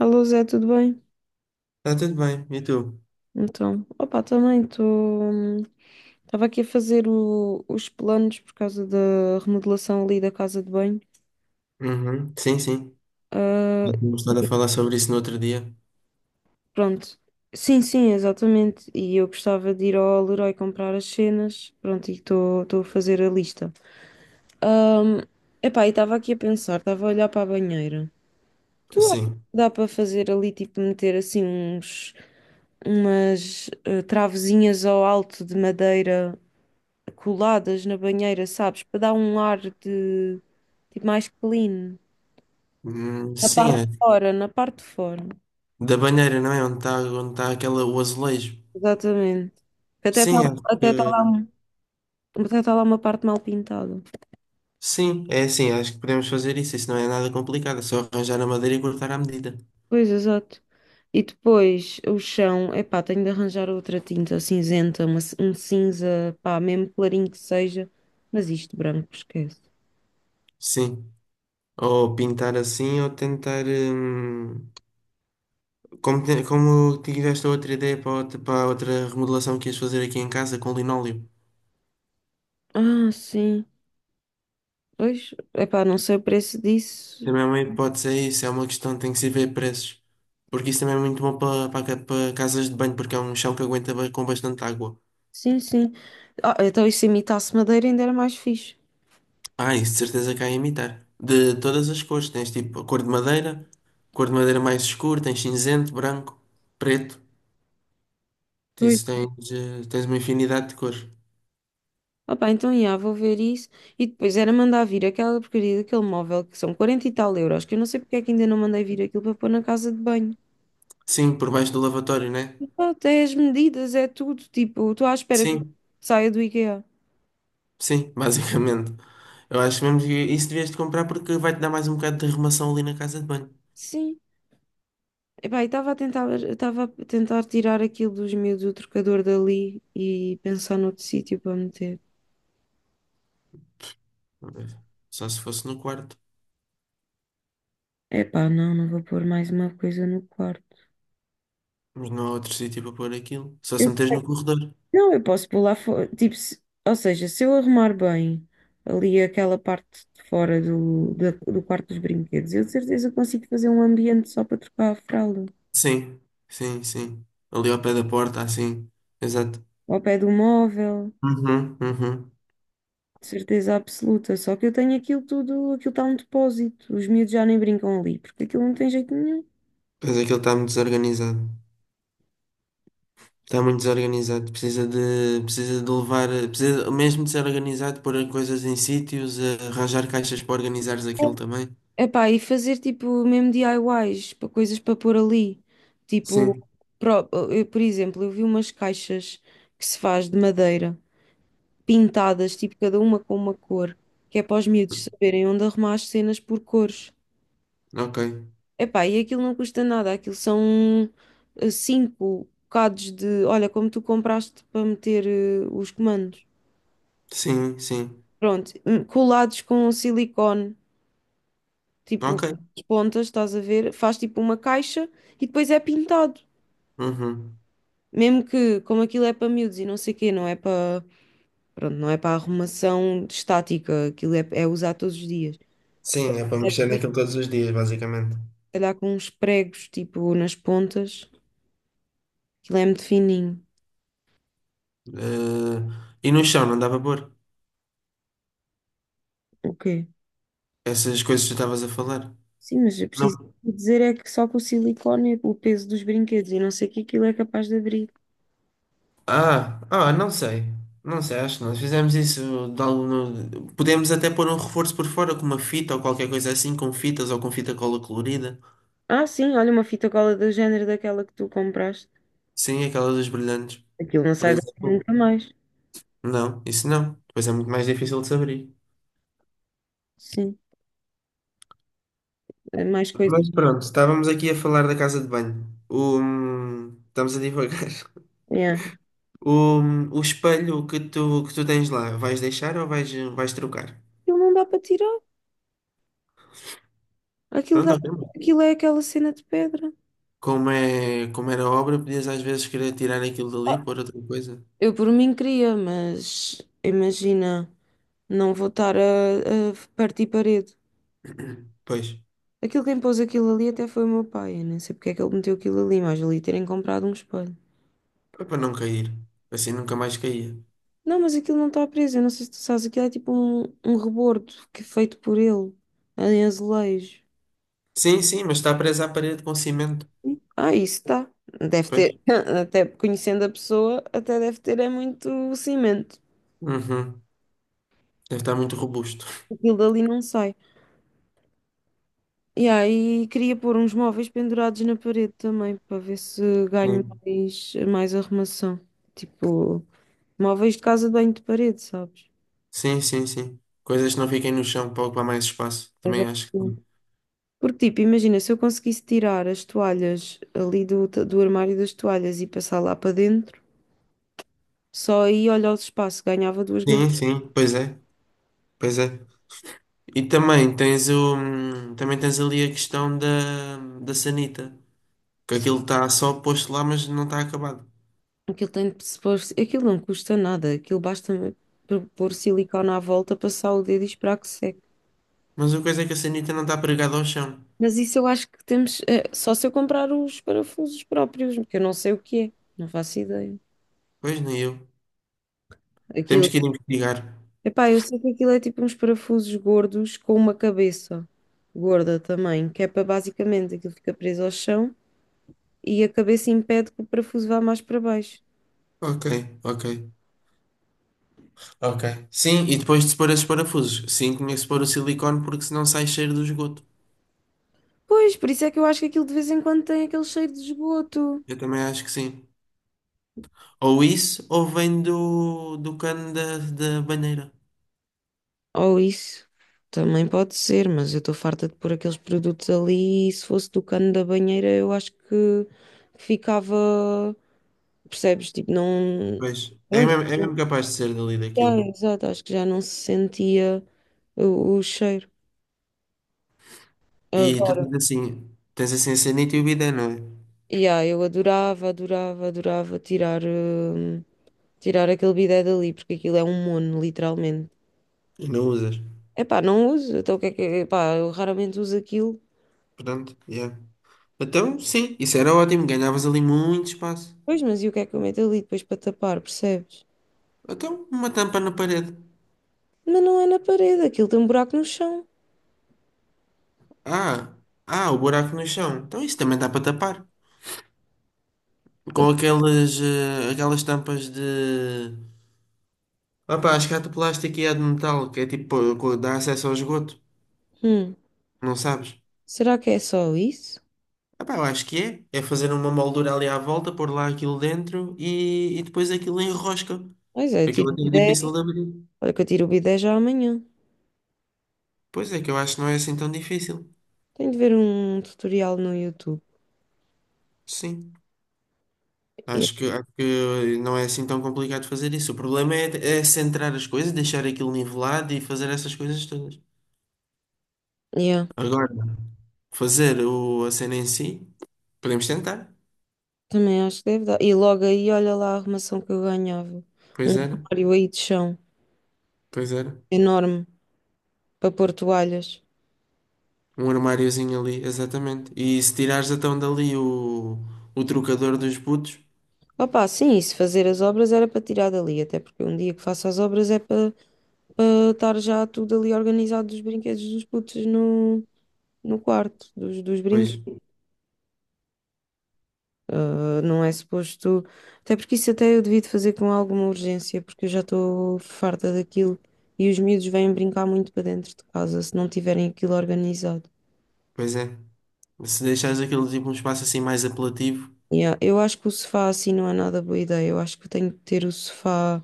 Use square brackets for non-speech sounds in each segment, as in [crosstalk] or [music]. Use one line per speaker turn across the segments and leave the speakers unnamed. Alô Zé, tudo bem?
Tá tudo bem, e tu?
Então, opa, também estou. Estava aqui a fazer os planos por causa da remodelação ali da casa de banho.
Uhum, sim, sim.
Ah,
E tínhamos estado a falar sobre isso no outro dia.
pronto. Sim, sim, exatamente. E eu gostava de ir ao Leroy comprar as cenas. Pronto, e estou a fazer a lista. Ahm, Epá, e estava aqui a pensar, estava a olhar para a banheira. Tu achas que
Sim.
dá para fazer ali, tipo, meter assim umas travezinhas ao alto de madeira coladas na banheira, sabes? Para dar um ar de mais clean. Na
Sim,
parte
é.
de fora, na parte de fora.
Da banheira, não é? Onde está onde tá aquela, o azulejo.
Exatamente. Que Até está
Sim, acho
até tá lá,
que.
um- Até tá lá uma parte mal pintada.
Sim, é assim, acho que podemos fazer isso. Isso não é nada complicado, é só arranjar a madeira e cortar à medida.
Pois, exato. E depois o chão, epá, tenho de arranjar outra tinta cinzenta, um cinza, pá, mesmo clarinho que seja, mas isto branco, esquece.
Sim. Ou pintar assim, ou tentar. Como, como tiveste a outra ideia para outra, para a outra remodelação que ias fazer aqui em casa com linóleo.
Ah, sim. Pois, epá, não sei o preço disso.
Também é uma hipótese, é isso, é uma questão, tem que se ver preços. Porque isso também é muito bom para, para casas de banho, porque é um chão que aguenta com bastante água.
Sim, sim. Ah, então e se imitasse madeira ainda era mais fixe.
Ah, isso de certeza que há a imitar. De todas as cores, tens tipo a cor de madeira mais escura, tens cinzento, branco, preto.
Pois.
Isso tens, tens uma infinidade de cores.
Opa, então, já, vou ver isso. E depois era mandar vir aquela porcaria daquele móvel que são 40 e tal euros, que eu não sei porque é que ainda não mandei vir aquilo para pôr na casa de banho.
Sim, por baixo do lavatório, né?
Pronto, é as medidas, é tudo. Tipo, estou à espera que
Sim,
saia do IKEA.
sim, [laughs] basicamente. Eu acho mesmo que isso devias de comprar porque vai-te dar mais um bocado de arrumação ali na casa de banho.
Sim. Epá, e estava a tentar tirar aquilo dos meus do trocador dali e pensar noutro sítio para meter.
Só se fosse no quarto.
Epá, não, não vou pôr mais uma coisa no quarto.
Mas não há outro sítio para pôr aquilo. Só se meteres no corredor.
Não, eu posso pular fora. Tipo, ou seja, se eu arrumar bem ali aquela parte de fora do quarto dos brinquedos, eu de certeza consigo fazer um ambiente só para trocar a fralda.
Sim, sim, sim. Ali ao pé da porta, assim. Exato.
Ao pé do móvel,
Uhum, uhum.
de certeza absoluta. Só que eu tenho aquilo tudo, aquilo está um depósito. Os miúdos já nem brincam ali, porque aquilo não tem jeito nenhum.
Pois aquilo está muito desorganizado. Está muito desorganizado. Precisa de, levar. Precisa mesmo de ser organizado, pôr coisas em sítios, arranjar caixas para organizares aquilo também.
Epá, e fazer tipo mesmo DIYs, para coisas para pôr ali. Tipo,
Sim,
eu, por exemplo, eu vi umas caixas que se faz de madeira, pintadas, tipo cada uma com uma cor, que é para os miúdos saberem onde arrumar as cenas por cores.
ok.
Epá, e aquilo não custa nada, aquilo são cinco bocados de, olha, como tu compraste para meter os comandos.
Sim, sim.
Pronto, colados com silicone, tipo
Ok.
as pontas, estás a ver? Faz tipo uma caixa e depois é pintado.
Uhum.
Mesmo que, como aquilo é para miúdos e não sei o quê, não é para, pronto, não é para arrumação estática, aquilo é usar todos os dias.
Sim, é para mexer naquilo todos os dias, basicamente.
Calhar com uns pregos, tipo, nas pontas. Aquilo é muito fininho.
Eh, e no chão, não dava para pôr.
O quê?
Essas coisas que tu estavas a falar.
Sim, mas eu preciso dizer é que só com o silicone, o peso dos brinquedos e não sei o que aquilo é capaz de abrir.
Ah, ah, não sei. Não sei, acho que nós fizemos isso de algum... Podemos até pôr um reforço por fora com uma fita ou qualquer coisa assim, com fitas ou com fita cola colorida.
Ah, sim, olha uma fita cola do género daquela que tu compraste.
Sim, aquela dos brilhantes,
Aquilo não
por
sai daqui
exemplo.
nunca mais.
Não, isso não. Depois é muito mais difícil de se abrir.
Sim, é mais coisas.
Mas pronto, estávamos aqui a falar da casa de banho. O... Estamos a divagar. [laughs]
Yeah.
O, o espelho que tu tens lá, vais deixar ou vais trocar?
Aquilo não dá para tirar. Aquilo dá...
Pronto, ok, mano.
Aquilo é aquela cena de pedra.
Como é, como era a obra, podias às vezes querer tirar aquilo dali, pôr outra coisa.
Eu por mim queria, mas imagina, não vou estar a partir parede.
Pois,
Aquilo quem pôs aquilo ali até foi o meu pai. Eu nem sei porque é que ele meteu aquilo ali, mas ali terem comprado um espelho.
foi para não cair. Assim nunca mais caía.
Não, mas aquilo não está preso. Eu não sei se tu sabes, aquilo é tipo um rebordo que é feito por ele, em azulejo.
Sim, sim, mas está presa à parede com cimento.
Ah, isso está. Deve
Pois.
ter, [laughs] até conhecendo a pessoa, até deve ter é muito cimento.
Uhum. Deve estar muito robusto.
Aquilo dali não sai. E aí queria pôr uns móveis pendurados na parede também, para ver se ganho
Sim,
mais, mais arrumação. Tipo, móveis de casa de banho de parede, sabes?
sim, sim, sim. Coisas que não fiquem no chão para ocupar mais espaço. Também
Exato.
acho que.
Porque, tipo, imagina, se eu conseguisse tirar as toalhas ali do armário das toalhas e passar lá para dentro, só aí, olha o espaço, ganhava duas gavetas.
Sim, sim, pois é, pois é. E também tens o. Também tens ali a questão da, da sanita. Que aquilo está só posto lá, mas não está acabado.
Aquilo tem de se pôr, aquilo não custa nada, aquilo basta pôr silicone à volta, passar o dedo e esperar que seque.
Mas a coisa é que a sanita não está pregada ao chão.
Mas isso eu acho que temos, só se eu comprar os parafusos próprios, porque eu não sei o que é, não faço ideia.
Pois nem eu. Temos
Aquilo,
que ir investigar.
epá, eu sei que aquilo é tipo uns parafusos gordos com uma cabeça gorda também, que é para basicamente aquilo fica preso ao chão, e a cabeça impede que o parafuso vá mais para baixo.
Ok, ok. Ok. Sim, e depois de se pôr esses parafusos. Sim, tinha que se pôr o silicone porque senão sai cheiro do esgoto.
Pois, por isso é que eu acho que aquilo de vez em quando tem aquele cheiro de esgoto.
Eu também acho que sim. Ou isso, ou vem do, do cano da, da banheira.
Ou isso. Também pode ser, mas eu estou farta de pôr aqueles produtos ali e se fosse do cano da banheira eu acho que ficava, percebes? Tipo, não.
Pois,
Pronto.
é mesmo capaz de ser dali
É,
daquilo.
exato, acho que já não se sentia o cheiro.
E tu
Agora,
tens assim a sanita e o bidé, não é?
yeah, eu adorava, adorava, adorava tirar. Tirar aquele bidé dali, porque aquilo é um mono, literalmente.
E não usas.
Epá, não uso. Então o que é que. Epá, eu raramente uso aquilo.
Pronto, yeah. Então, sim, isso era ótimo, ganhavas ali muito espaço.
Pois, mas e o que é que eu meto ali depois para tapar, percebes?
Então, uma tampa na parede.
Mas não é na parede, aquilo tem um buraco no chão.
Ah, ah, o buraco no chão. Então, isso também dá para tapar. Com aquelas, aquelas tampas de. Opa, acho que há de plástico e há de metal, que é tipo, dá acesso ao esgoto,
Hum,
não sabes?
Será que é só isso?
Opa, eu acho que é. É fazer uma moldura ali à volta, pôr lá aquilo dentro e depois aquilo enrosca.
Pois é, eu
Aquilo
tiro o
até é
bidé.
difícil de abrir.
Olha que eu tiro o bidé já amanhã.
Pois é, que eu acho que não é assim tão difícil.
Tenho de ver um tutorial no YouTube.
Sim.
Yeah,
Acho que, não é assim tão complicado fazer isso. O problema é, é centrar as coisas, deixar aquilo nivelado e fazer essas coisas todas.
yeah,
Agora, fazer o, a cena em si, podemos tentar.
também acho que deve dar. E logo aí, olha lá a arrumação que eu ganhava. Um
Pois era,
armário aí de chão,
pois era.
enorme, para pôr toalhas.
Um armáriozinho ali, exatamente. E se tirares então dali o trocador dos putos,
Opa, sim, se fazer as obras era para tirar dali, até porque um dia que faço as obras é para estar já tudo ali organizado dos brinquedos dos putos no quarto, dos
pois,
brinquedos. Ah, não é suposto. Até porque isso até eu devia de fazer com alguma urgência, porque eu já estou farta daquilo e os miúdos vêm brincar muito para dentro de casa se não tiverem aquilo organizado.
pois é. Se deixares aquele tipo um espaço assim mais apelativo,
Yeah, eu acho que o sofá assim não é nada boa ideia, eu acho que eu tenho que ter o sofá.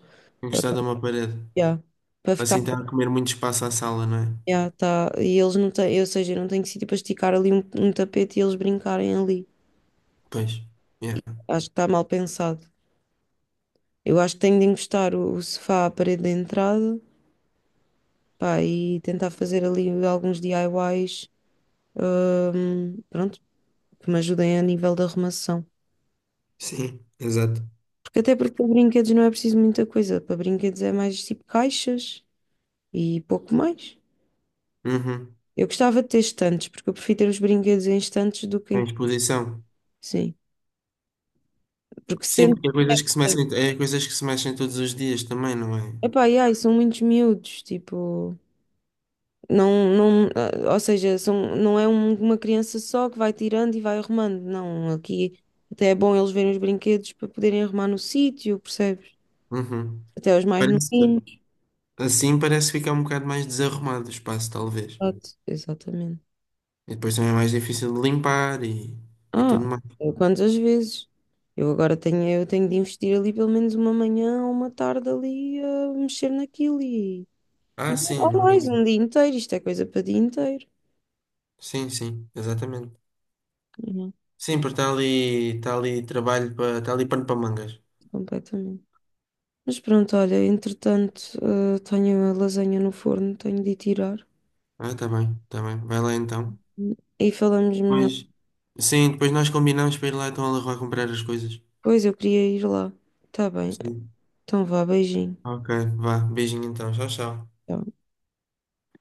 Ah,
encostado a uma parede.
yeah. Para
Assim
ficar
está a comer muito espaço à sala, não é?
yeah, tá. E eles não têm, ou seja, eu não tenho sítio para esticar ali um tapete e eles brincarem ali.
Pois. Yeah.
Acho que está mal pensado. Eu acho que tenho de encostar o sofá à parede da entrada, pá, e tentar fazer ali alguns DIYs, pronto, que me ajudem a nível da arrumação.
Sim, exato.
Porque até porque para brinquedos não é preciso muita coisa. Para brinquedos é mais tipo caixas e pouco mais.
Uhum.
Eu gostava de ter estantes, porque eu prefiro ter os brinquedos em estantes do que em...
Em exposição.
Sim. Porque
Sim,
sendo...
porque é coisas que se mexem, é coisas que se mexem todos os dias também, não é?
Epá, e ai, são muitos miúdos, tipo... Não, não, ah, ou seja, são, não é uma criança só que vai tirando e vai arrumando. Não, aqui até é bom eles verem os brinquedos para poderem arrumar no sítio, percebes?
Uhum.
Até os mais novinhos.
Parece, assim parece ficar um bocado mais desarrumado o espaço, talvez.
Exato, exatamente.
E depois também é mais difícil de limpar e
Ah,
tudo mais.
eu quantas vezes? Eu tenho de investir ali pelo menos uma manhã ou uma tarde ali a mexer naquilo e
Ah, sim,
ou
no
mais
mínimo.
um dia inteiro. Isto é coisa para dia inteiro.
Sim, sim, exatamente.
Não,
Sim, porque está ali trabalho para, está ali pano para mangas.
completamente. Mas pronto, olha, entretanto, tenho a lasanha no forno, tenho de ir tirar.
Ah, tá bem, tá bem. Vai lá então.
E falamos melhor.
Pois, sim, depois nós combinamos para ir lá então ela vai comprar as coisas.
Pois eu queria ir lá. Tá bem.
Sim.
Então vá, beijinho.
Ok, vá. Beijinho então. Tchau, tchau.
Tchau.